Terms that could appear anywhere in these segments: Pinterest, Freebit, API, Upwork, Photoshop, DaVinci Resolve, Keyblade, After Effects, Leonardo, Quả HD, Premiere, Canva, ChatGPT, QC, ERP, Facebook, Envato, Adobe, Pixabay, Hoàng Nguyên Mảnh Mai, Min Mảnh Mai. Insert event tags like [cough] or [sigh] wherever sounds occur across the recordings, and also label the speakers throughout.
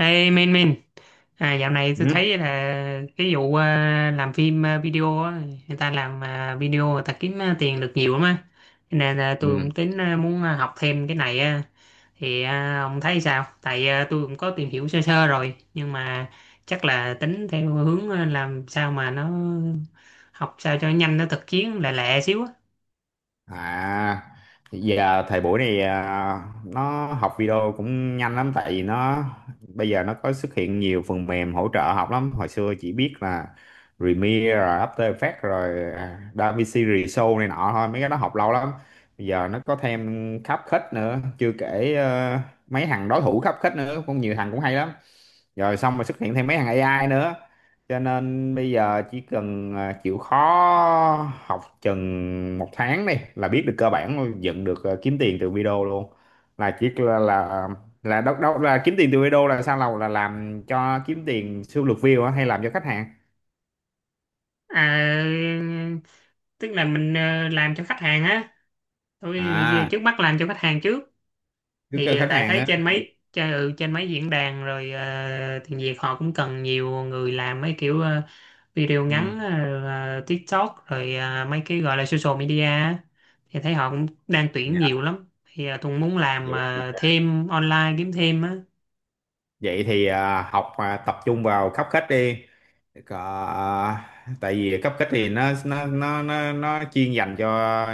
Speaker 1: Ê Min Min, à, dạo này tôi
Speaker 2: Ừ.
Speaker 1: thấy là cái vụ làm phim, video á, người ta làm, video người ta kiếm, tiền được nhiều lắm á. Cho nên là tôi
Speaker 2: Ừ.
Speaker 1: cũng tính, muốn, học thêm cái này á. Thì ông thấy sao, tại tôi cũng có tìm hiểu sơ sơ rồi nhưng mà chắc là tính theo hướng, làm sao mà nó học sao cho nhanh, nó thực chiến lẹ lẹ xíu á.
Speaker 2: À, giờ thời buổi này nó học video cũng nhanh lắm, tại vì nó bây giờ nó có xuất hiện nhiều phần mềm hỗ trợ học lắm. Hồi xưa chỉ biết là Premiere rồi After Effects rồi DaVinci Resolve này nọ thôi, mấy cái đó học lâu lắm. Bây giờ nó có thêm khắp khách nữa, chưa kể mấy thằng đối thủ khắp khách nữa cũng nhiều thằng cũng hay lắm. Rồi xong rồi xuất hiện thêm mấy thằng AI nữa, cho nên bây giờ chỉ cần chịu khó học chừng một tháng đi là biết được cơ bản luôn, dựng được, kiếm tiền từ video luôn. Là chỉ là đâu đâu là kiếm tiền từ video là sao, là làm cho kiếm tiền siêu lượt view á hay làm cho khách hàng.
Speaker 1: À, tức là mình, làm cho khách hàng á, tôi
Speaker 2: À,
Speaker 1: trước mắt làm cho khách hàng trước.
Speaker 2: cứ
Speaker 1: Thì
Speaker 2: kêu khách
Speaker 1: tại
Speaker 2: hàng
Speaker 1: thấy
Speaker 2: á.
Speaker 1: trên mấy trên mấy diễn đàn rồi, tiếng Việt họ cũng cần nhiều người làm mấy kiểu, video ngắn,
Speaker 2: Ừ.
Speaker 1: TikTok rồi, mấy cái gọi là social media á. Thì thấy họ cũng đang tuyển nhiều
Speaker 2: Dạ.
Speaker 1: lắm, thì tôi cũng muốn làm,
Speaker 2: Vậy,
Speaker 1: thêm online kiếm thêm á.
Speaker 2: vậy thì học, tập trung vào khắp khách đi. Có, tại vì cấp kích thì nó chuyên dành cho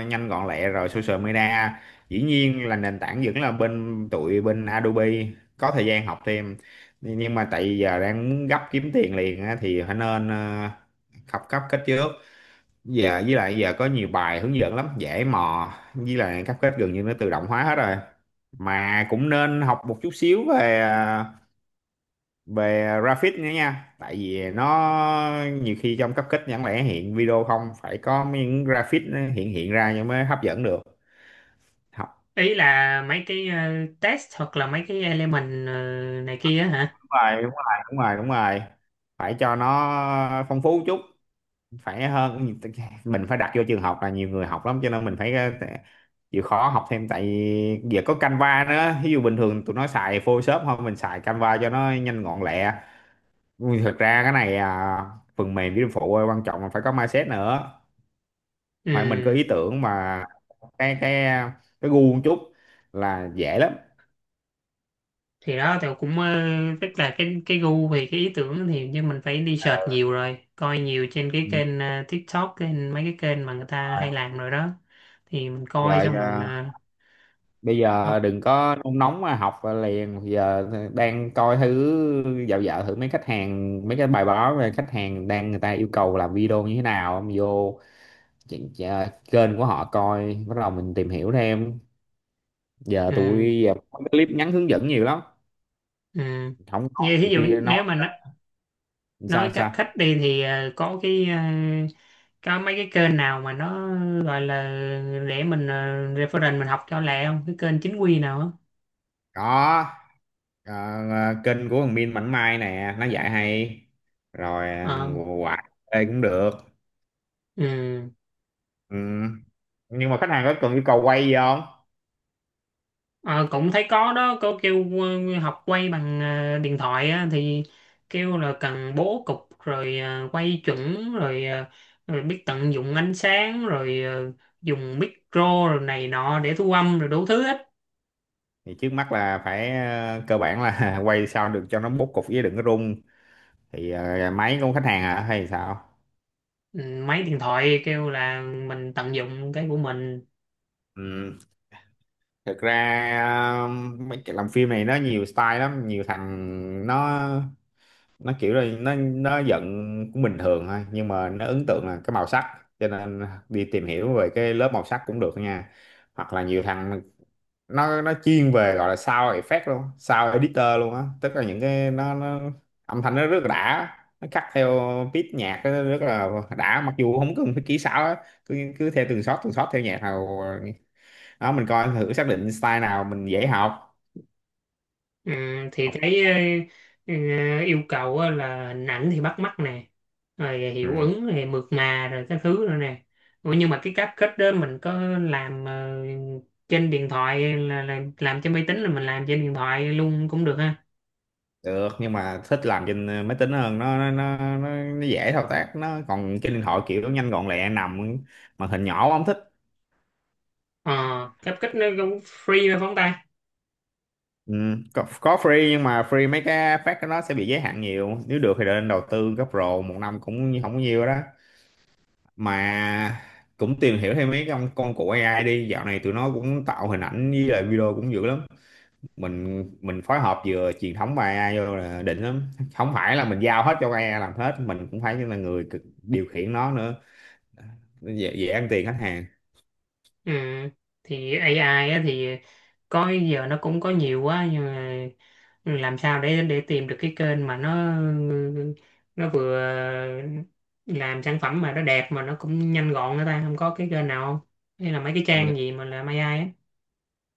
Speaker 2: nhanh gọn lẹ, rồi social media, dĩ nhiên là nền tảng vẫn là bên tụi bên Adobe, có thời gian học thêm. Nhưng mà tại giờ đang muốn gấp kiếm tiền liền á, thì phải nên học cấp kích trước. Giờ với lại giờ có nhiều bài hướng dẫn lắm, dễ mò, với lại cấp kích gần như nó tự động hóa hết rồi. Mà cũng nên học một chút xíu về về graphic nữa nha, tại vì nó nhiều khi trong cấp kích chẳng lẽ hiện video không, phải có những graphic nó hiện hiện ra nhưng mới hấp dẫn được. Học.
Speaker 1: Ý là mấy cái, test hoặc là mấy cái element, này kia á hả?
Speaker 2: Đúng rồi, đúng rồi, đúng rồi, đúng rồi. Phải cho nó phong phú chút, phải hơn. Mình phải đặt vô trường học là nhiều người học lắm, cho nên mình phải chịu khó học thêm, tại vì giờ có Canva nữa. Ví dụ bình thường tụi nó xài Photoshop thôi, mình xài Canva cho nó nhanh gọn lẹ. Thực ra cái này phần mềm với phụ, quan trọng là phải có mindset nữa.
Speaker 1: Ừ,
Speaker 2: Hoặc mình có ý tưởng mà cái cái gu một chút là dễ lắm.
Speaker 1: thì đó thì cũng, tức là cái gu thì cái ý tưởng thì, nhưng mình phải đi search nhiều rồi coi nhiều trên cái
Speaker 2: Ừ.
Speaker 1: kênh, TikTok, kênh mấy cái kênh mà người ta hay làm rồi đó. Thì mình coi
Speaker 2: Rồi
Speaker 1: xong mình,
Speaker 2: bây giờ
Speaker 1: đọc.
Speaker 2: đừng có nôn nóng mà học liền. Bây giờ đang coi thử, dạo dạo thử mấy khách hàng, mấy cái bài báo về khách hàng đang, người ta yêu cầu làm video như thế nào. Em vô chị- chị- kênh của họ coi, bắt đầu mình tìm hiểu thêm. Giờ
Speaker 1: Ừ,
Speaker 2: tụi giờ có cái clip ngắn hướng dẫn nhiều lắm,
Speaker 1: ừ.
Speaker 2: không có,
Speaker 1: Như thí
Speaker 2: nhiều
Speaker 1: dụ
Speaker 2: khi nói
Speaker 1: nếu mà
Speaker 2: sao
Speaker 1: nói cách khách
Speaker 2: sao.
Speaker 1: đi thì, có cái, có mấy cái kênh nào mà nó gọi là để mình, reference, mình học cho lẹ không, cái kênh chính quy nào á?
Speaker 2: Có. Ờ, kênh của thằng Min Mảnh Mai nè, nó dạy hay. Rồi
Speaker 1: Ờ,
Speaker 2: quạt đây cũng được.
Speaker 1: ừ.
Speaker 2: Ừ. Nhưng mà khách hàng có cần yêu cầu quay gì không?
Speaker 1: Ờ, cũng thấy có đó, có kêu, học quay bằng, điện thoại á, thì kêu là cần bố cục rồi, quay chuẩn rồi, rồi biết tận dụng ánh sáng rồi, dùng micro rồi này nọ để thu âm rồi đủ thứ hết.
Speaker 2: Thì trước mắt là phải cơ bản là [laughs] quay sao được cho nó bố cục, với đừng có rung. Thì máy của khách hàng hả hay sao?
Speaker 1: Ừ, máy điện thoại kêu là mình tận dụng cái của mình.
Speaker 2: Ừ. Thực ra ờ, mấy cái làm phim này nó nhiều style lắm. Nhiều thằng nó kiểu là nó giận cũng bình thường thôi, nhưng mà nó ấn tượng là cái màu sắc, cho nên đi tìm hiểu về cái lớp màu sắc cũng được nha. Hoặc là nhiều thằng nó chuyên về gọi là sound effect luôn, sound editor luôn á, tức là những cái nó âm thanh nó rất là đã. Nó cắt theo beat nhạc nó rất là đã, mặc dù không cần phải kỹ xảo á. Cứ, theo từng shot theo nhạc nào đó, mình coi thử xác định style nào mình dễ học.
Speaker 1: Ừ, thì
Speaker 2: Học.
Speaker 1: thấy, ờ, yêu cầu á là hình ảnh thì bắt mắt nè, rồi hiệu
Speaker 2: Ừ.
Speaker 1: ứng thì mượt mà rồi các thứ rồi nè. Ủa, nhưng mà cái cáp kết đó, mình có làm, trên điện thoại là làm trên máy tính, là mình làm trên điện thoại luôn cũng được ha?
Speaker 2: Được, nhưng mà thích làm trên máy tính hơn. Nó dễ thao tác, nó còn trên điện thoại kiểu nó nhanh gọn lẹ, nằm màn hình nhỏ không thích.
Speaker 1: Ờ, cáp kết nó cũng free mà phóng tay.
Speaker 2: Ừ. Có free nhưng mà free mấy cái phát của nó sẽ bị giới hạn nhiều. Nếu được thì nên đầu tư gấp pro một năm, cũng không có nhiều đó mà. Cũng tìm hiểu thêm mấy con của AI đi, dạo này tụi nó cũng tạo hình ảnh với lại video cũng dữ lắm. Mình mình phối hợp vừa truyền thống và AI vô là đỉnh lắm, không phải là mình giao hết cho AI làm hết, mình cũng phải là người điều khiển nó nữa. Dễ, ăn tiền khách hàng.
Speaker 1: Ừ. Thì AI á, thì có giờ nó cũng có nhiều quá, nhưng mà làm sao để tìm được cái kênh mà nó vừa làm sản phẩm mà nó đẹp mà nó cũng nhanh gọn nữa ta, không có cái kênh nào không, hay là mấy cái trang gì mà làm AI á?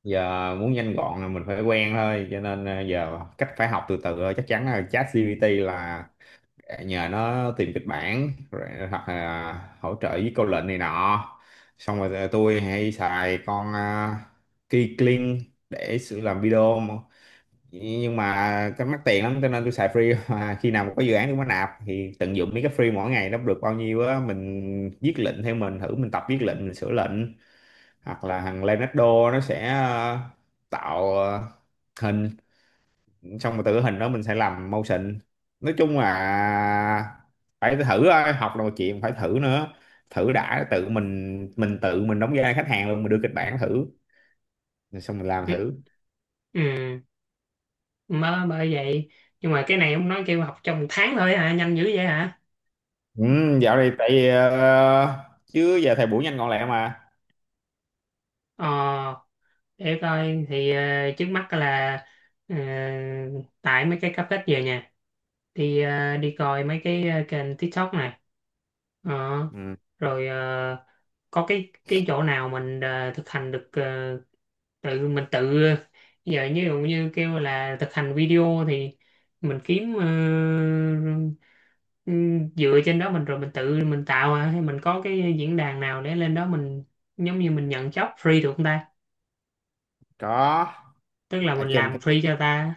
Speaker 2: Giờ muốn nhanh gọn là mình phải quen thôi, cho nên giờ cách phải học từ từ thôi. Chắc chắn là ChatGPT là nhờ nó tìm kịch bản rồi, hoặc là hỗ trợ với câu lệnh này nọ. Xong rồi tôi hay xài con Keyblade để sự làm video mà. Nhưng mà cái mắc tiền lắm cho nên tôi xài free [laughs] mà khi nào mà có dự án tôi mới nạp, thì tận dụng mấy cái free mỗi ngày nó được bao nhiêu á, mình viết lệnh theo mình thử, mình tập viết lệnh, mình sửa lệnh. Hoặc là thằng Leonardo, nó sẽ tạo hình, xong rồi từ cái hình đó mình sẽ làm motion. Nói chung là phải thử thôi, học là một chuyện, phải thử nữa. Thử đã, tự mình tự mình đóng vai khách hàng luôn, mình đưa kịch bản thử, rồi xong mình làm
Speaker 1: Ừ.
Speaker 2: thử.
Speaker 1: Ừ. Mới bởi vậy, nhưng mà cái này ông nói kêu học trong một tháng thôi hả, nhanh dữ vậy hả?
Speaker 2: Ừ, dạo này tại vì, chứ giờ thời buổi nhanh gọn lẹ mà.
Speaker 1: Ờ, để coi thì, trước mắt là, ờ, tại mấy cái cáp kết về nhà đi, đi coi mấy cái, kênh TikTok này. Ờ,
Speaker 2: Ừ,
Speaker 1: rồi, có cái chỗ nào mình, thực hành được, tự mình tự giờ như dụ như kêu là thực hành video thì mình kiếm, dựa trên đó mình rồi mình tự mình tạo, à? Hay mình có cái diễn đàn nào để lên đó mình giống như mình nhận job free được không ta,
Speaker 2: có.
Speaker 1: tức là
Speaker 2: Ở
Speaker 1: mình
Speaker 2: trên
Speaker 1: làm
Speaker 2: Facebook
Speaker 1: free cho ta?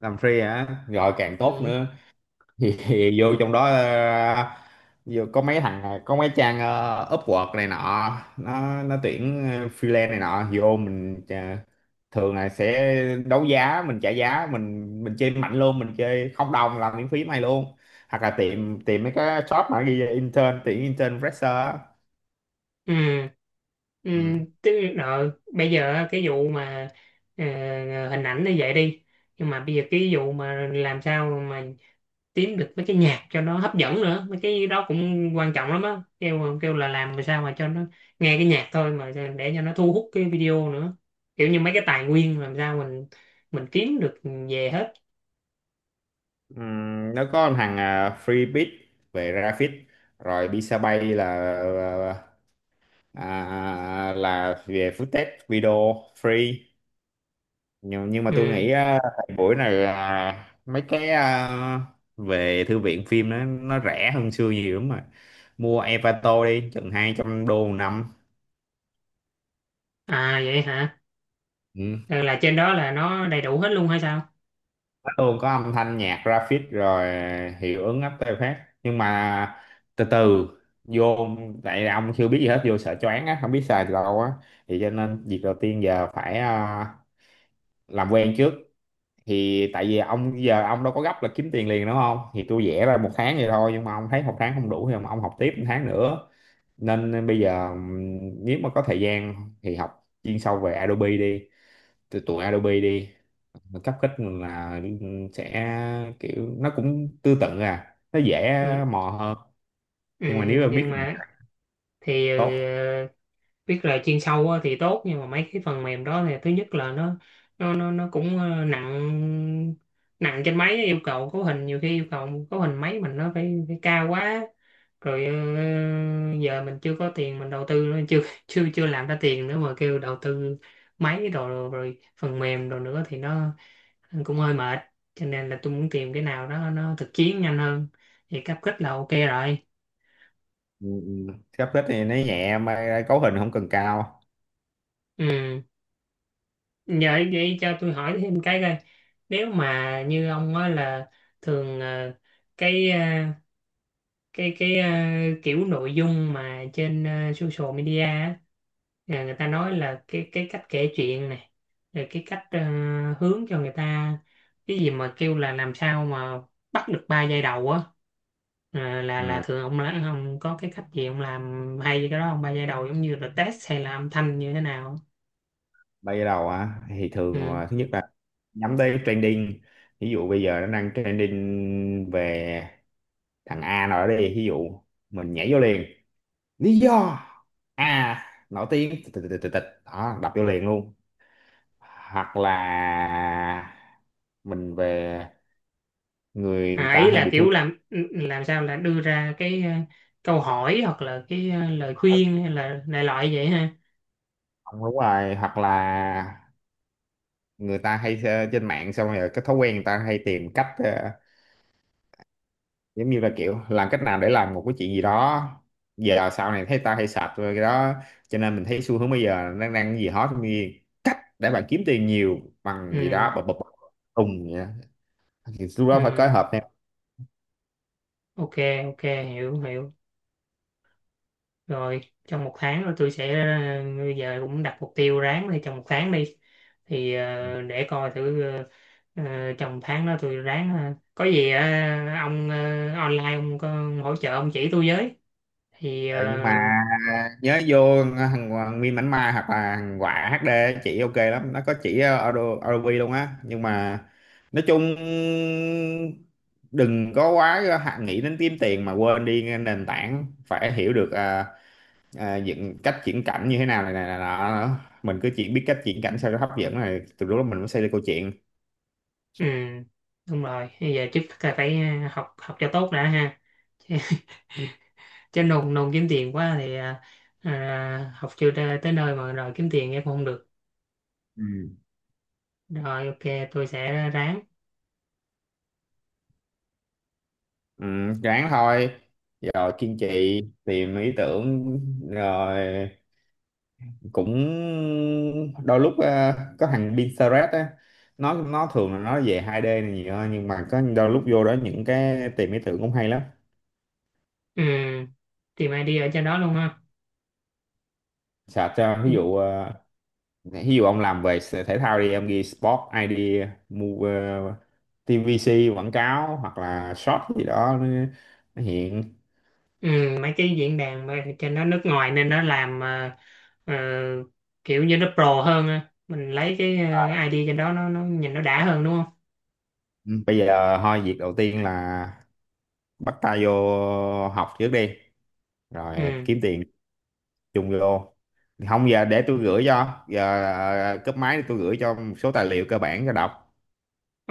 Speaker 2: làm free hả rồi càng tốt
Speaker 1: Ừ.
Speaker 2: nữa. Thì, vô trong đó vô có mấy thằng có mấy trang Upwork này nọ, nó tuyển freelance này nọ. Vô mình thường là sẽ đấu giá, mình trả giá, mình chơi mạnh luôn, mình chơi không đồng, làm miễn phí mày luôn. Hoặc là tìm tìm mấy cái shop mà ghi là intern, tuyển intern fresher á.
Speaker 1: Ừ, ừ,
Speaker 2: Ừ.
Speaker 1: tức đó, bây giờ á, cái vụ mà, ờ, hình ảnh như vậy đi, nhưng mà bây giờ cái vụ mà làm sao mà kiếm được mấy cái nhạc cho nó hấp dẫn nữa, mấy cái đó cũng quan trọng lắm á, kêu kêu là làm mà sao mà cho nó nghe cái nhạc thôi mà để cho nó thu hút cái video nữa, kiểu như mấy cái tài nguyên làm sao mình kiếm được về hết.
Speaker 2: Nó có thằng Freebit về graphic, rồi Pixabay là là là về footage video free. Nhưng, mà tôi
Speaker 1: Ừ.
Speaker 2: nghĩ thời buổi này mấy cái về thư viện phim nó rẻ hơn xưa nhiều lắm mà. Mua Envato đi chừng 200 đô một năm.
Speaker 1: À vậy hả?
Speaker 2: Ừ.
Speaker 1: Ờ, là trên đó là nó đầy đủ hết luôn hay sao?
Speaker 2: Nó luôn có âm thanh, nhạc, graphic, rồi hiệu ứng after effect. Nhưng mà từ từ vô, tại ông chưa biết gì hết, vô sợ choáng á, không biết xài từ đâu á. Thì cho nên việc đầu tiên giờ phải làm quen trước. Thì tại vì ông giờ ông đâu có gấp là kiếm tiền liền đúng không, thì tôi vẽ ra một tháng vậy thôi, nhưng mà ông thấy một tháng không đủ thì ông học tiếp một tháng nữa. Nên bây giờ nếu mà có thời gian thì học chuyên sâu về Adobe đi, từ tụi Adobe đi. Cấp kích là sẽ kiểu nó cũng tương tự, à nó dễ
Speaker 1: Ừ,
Speaker 2: mò hơn.
Speaker 1: ừ,
Speaker 2: Nhưng mà nếu mà biết
Speaker 1: nhưng
Speaker 2: là
Speaker 1: mà thì,
Speaker 2: tốt.
Speaker 1: biết là chuyên sâu á thì tốt, nhưng mà mấy cái phần mềm đó thì thứ nhất là nó cũng, nặng, nặng trên máy, yêu cầu cấu hình, nhiều khi yêu cầu cấu hình máy mình nó phải cao quá, rồi giờ mình chưa có tiền mình đầu tư nữa, chưa chưa chưa làm ra tiền nữa mà kêu đầu tư máy đồ rồi phần mềm đồ nữa thì nó cũng hơi mệt. Cho nên là tôi muốn tìm cái nào đó nó thực chiến nhanh hơn, thì cáp kích là ok rồi.
Speaker 2: Ừ, ừ. Cấp kích thì nó nhẹ mà cấu hình không cần cao.
Speaker 1: Ừ. Dạ vậy cho tôi hỏi thêm cái coi, nếu mà như ông á là thường, cái, cái cái ờ, kiểu nội dung mà trên, social media á, là người ta nói là cái cách kể chuyện này, rồi cái cách, hướng cho người ta, cái gì mà kêu là làm sao mà bắt được ba giây đầu á. Ờ, là
Speaker 2: Ừ.
Speaker 1: thường ông ông có cái cách gì ông làm hay cái đó không, ba giây đầu giống như là test hay là âm thanh như thế nào?
Speaker 2: Bây giờ đầu á thì thường
Speaker 1: Ừ.
Speaker 2: là thứ nhất là nhắm tới trending. Ví dụ bây giờ nó đang trending về thằng A nào đó đi, ví dụ mình nhảy vô liền, lý do A nổi tiếng tịch tịch tịch tịch tịch. Đó, đập vô liền luôn. Hoặc là mình về người
Speaker 1: À,
Speaker 2: ta
Speaker 1: ý
Speaker 2: hay
Speaker 1: là
Speaker 2: bị thu.
Speaker 1: kiểu làm sao là đưa ra cái, câu hỏi hoặc là cái, lời khuyên hay là đại loại vậy ha.
Speaker 2: Không, đúng rồi, hoặc là người ta hay trên mạng, xong rồi cái thói quen người ta hay tìm cách giống như là kiểu làm cách nào để làm một cái chuyện gì đó. Giờ sau này thấy tao hay sạch rồi cái đó, cho nên mình thấy xu hướng bây giờ nó đang cái gì hot, giống như cách để bạn kiếm tiền nhiều bằng gì
Speaker 1: Ừ,
Speaker 2: đó, bập bập bập, tùng vậy đó. Thì lúc đó phải phối
Speaker 1: ừ,
Speaker 2: hợp theo.
Speaker 1: ok, ok, hiểu, hiểu. Rồi, trong một tháng rồi tôi sẽ, bây giờ cũng đặt mục tiêu ráng đi trong một tháng đi. Thì để coi thử, trong tháng đó tôi ráng ha, có gì, ông, online ông có hỗ trợ ông chỉ tôi với. Thì
Speaker 2: Ờ, nhưng mà nhớ vô thằng Hoàng Nguyên Mảnh Mai hoặc là thằng Quả HD chỉ ok lắm, nó có chỉ audio ROV luôn á. Nhưng mà nói chung đừng có quá hạn nghĩ đến kiếm tiền mà quên đi nền tảng, phải hiểu được dựng, cách chuyển cảnh như thế nào này này này nọ nữa. Mình cứ chỉ biết cách chuyển cảnh sao cho hấp dẫn này, từ lúc đó mình mới xây ra câu chuyện.
Speaker 1: ừ, đúng rồi, bây giờ trước là phải, học học cho tốt đã ha. Chứ cho nồn nồn kiếm tiền quá thì à, à, học chưa ra tới nơi mà rồi kiếm tiền em không được.
Speaker 2: Ừ.
Speaker 1: Rồi ok, tôi sẽ ráng.
Speaker 2: Ừ, ráng thôi. Rồi kiên trì tìm ý tưởng, rồi cũng đôi lúc có thằng Pinterest á, nó thường là nó về 2D này nhiều hơn, nhưng mà có đôi lúc vô đó những cái tìm ý tưởng cũng hay lắm.
Speaker 1: Ừ, tìm ID ở trên đó luôn ha?
Speaker 2: Search cho ví
Speaker 1: Ừ,
Speaker 2: dụ ví dụ ông làm về thể thao đi em ghi Sport ID Move uh, TVC quảng cáo hoặc là short gì đó, nó hiện.
Speaker 1: ừ, mấy cái diễn đàn mà trên đó nước ngoài nên nó làm à, ờ, kiểu như nó pro hơn á, mình lấy cái, à, ID trên đó, nó nhìn nó đã hơn đúng không?
Speaker 2: Ừ. Bây giờ thôi việc đầu tiên là bắt tay vô học trước đi, rồi
Speaker 1: Ừ,
Speaker 2: kiếm tiền chung vô. Không giờ để tôi gửi cho giờ cúp máy tôi gửi cho một số tài liệu cơ bản cho đọc.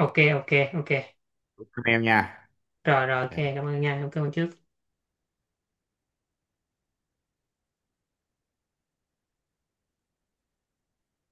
Speaker 1: ok, ok, ok,
Speaker 2: Cảm ơn em nha.
Speaker 1: rồi rồi ok, cảm ơn nha, cảm ơn trước.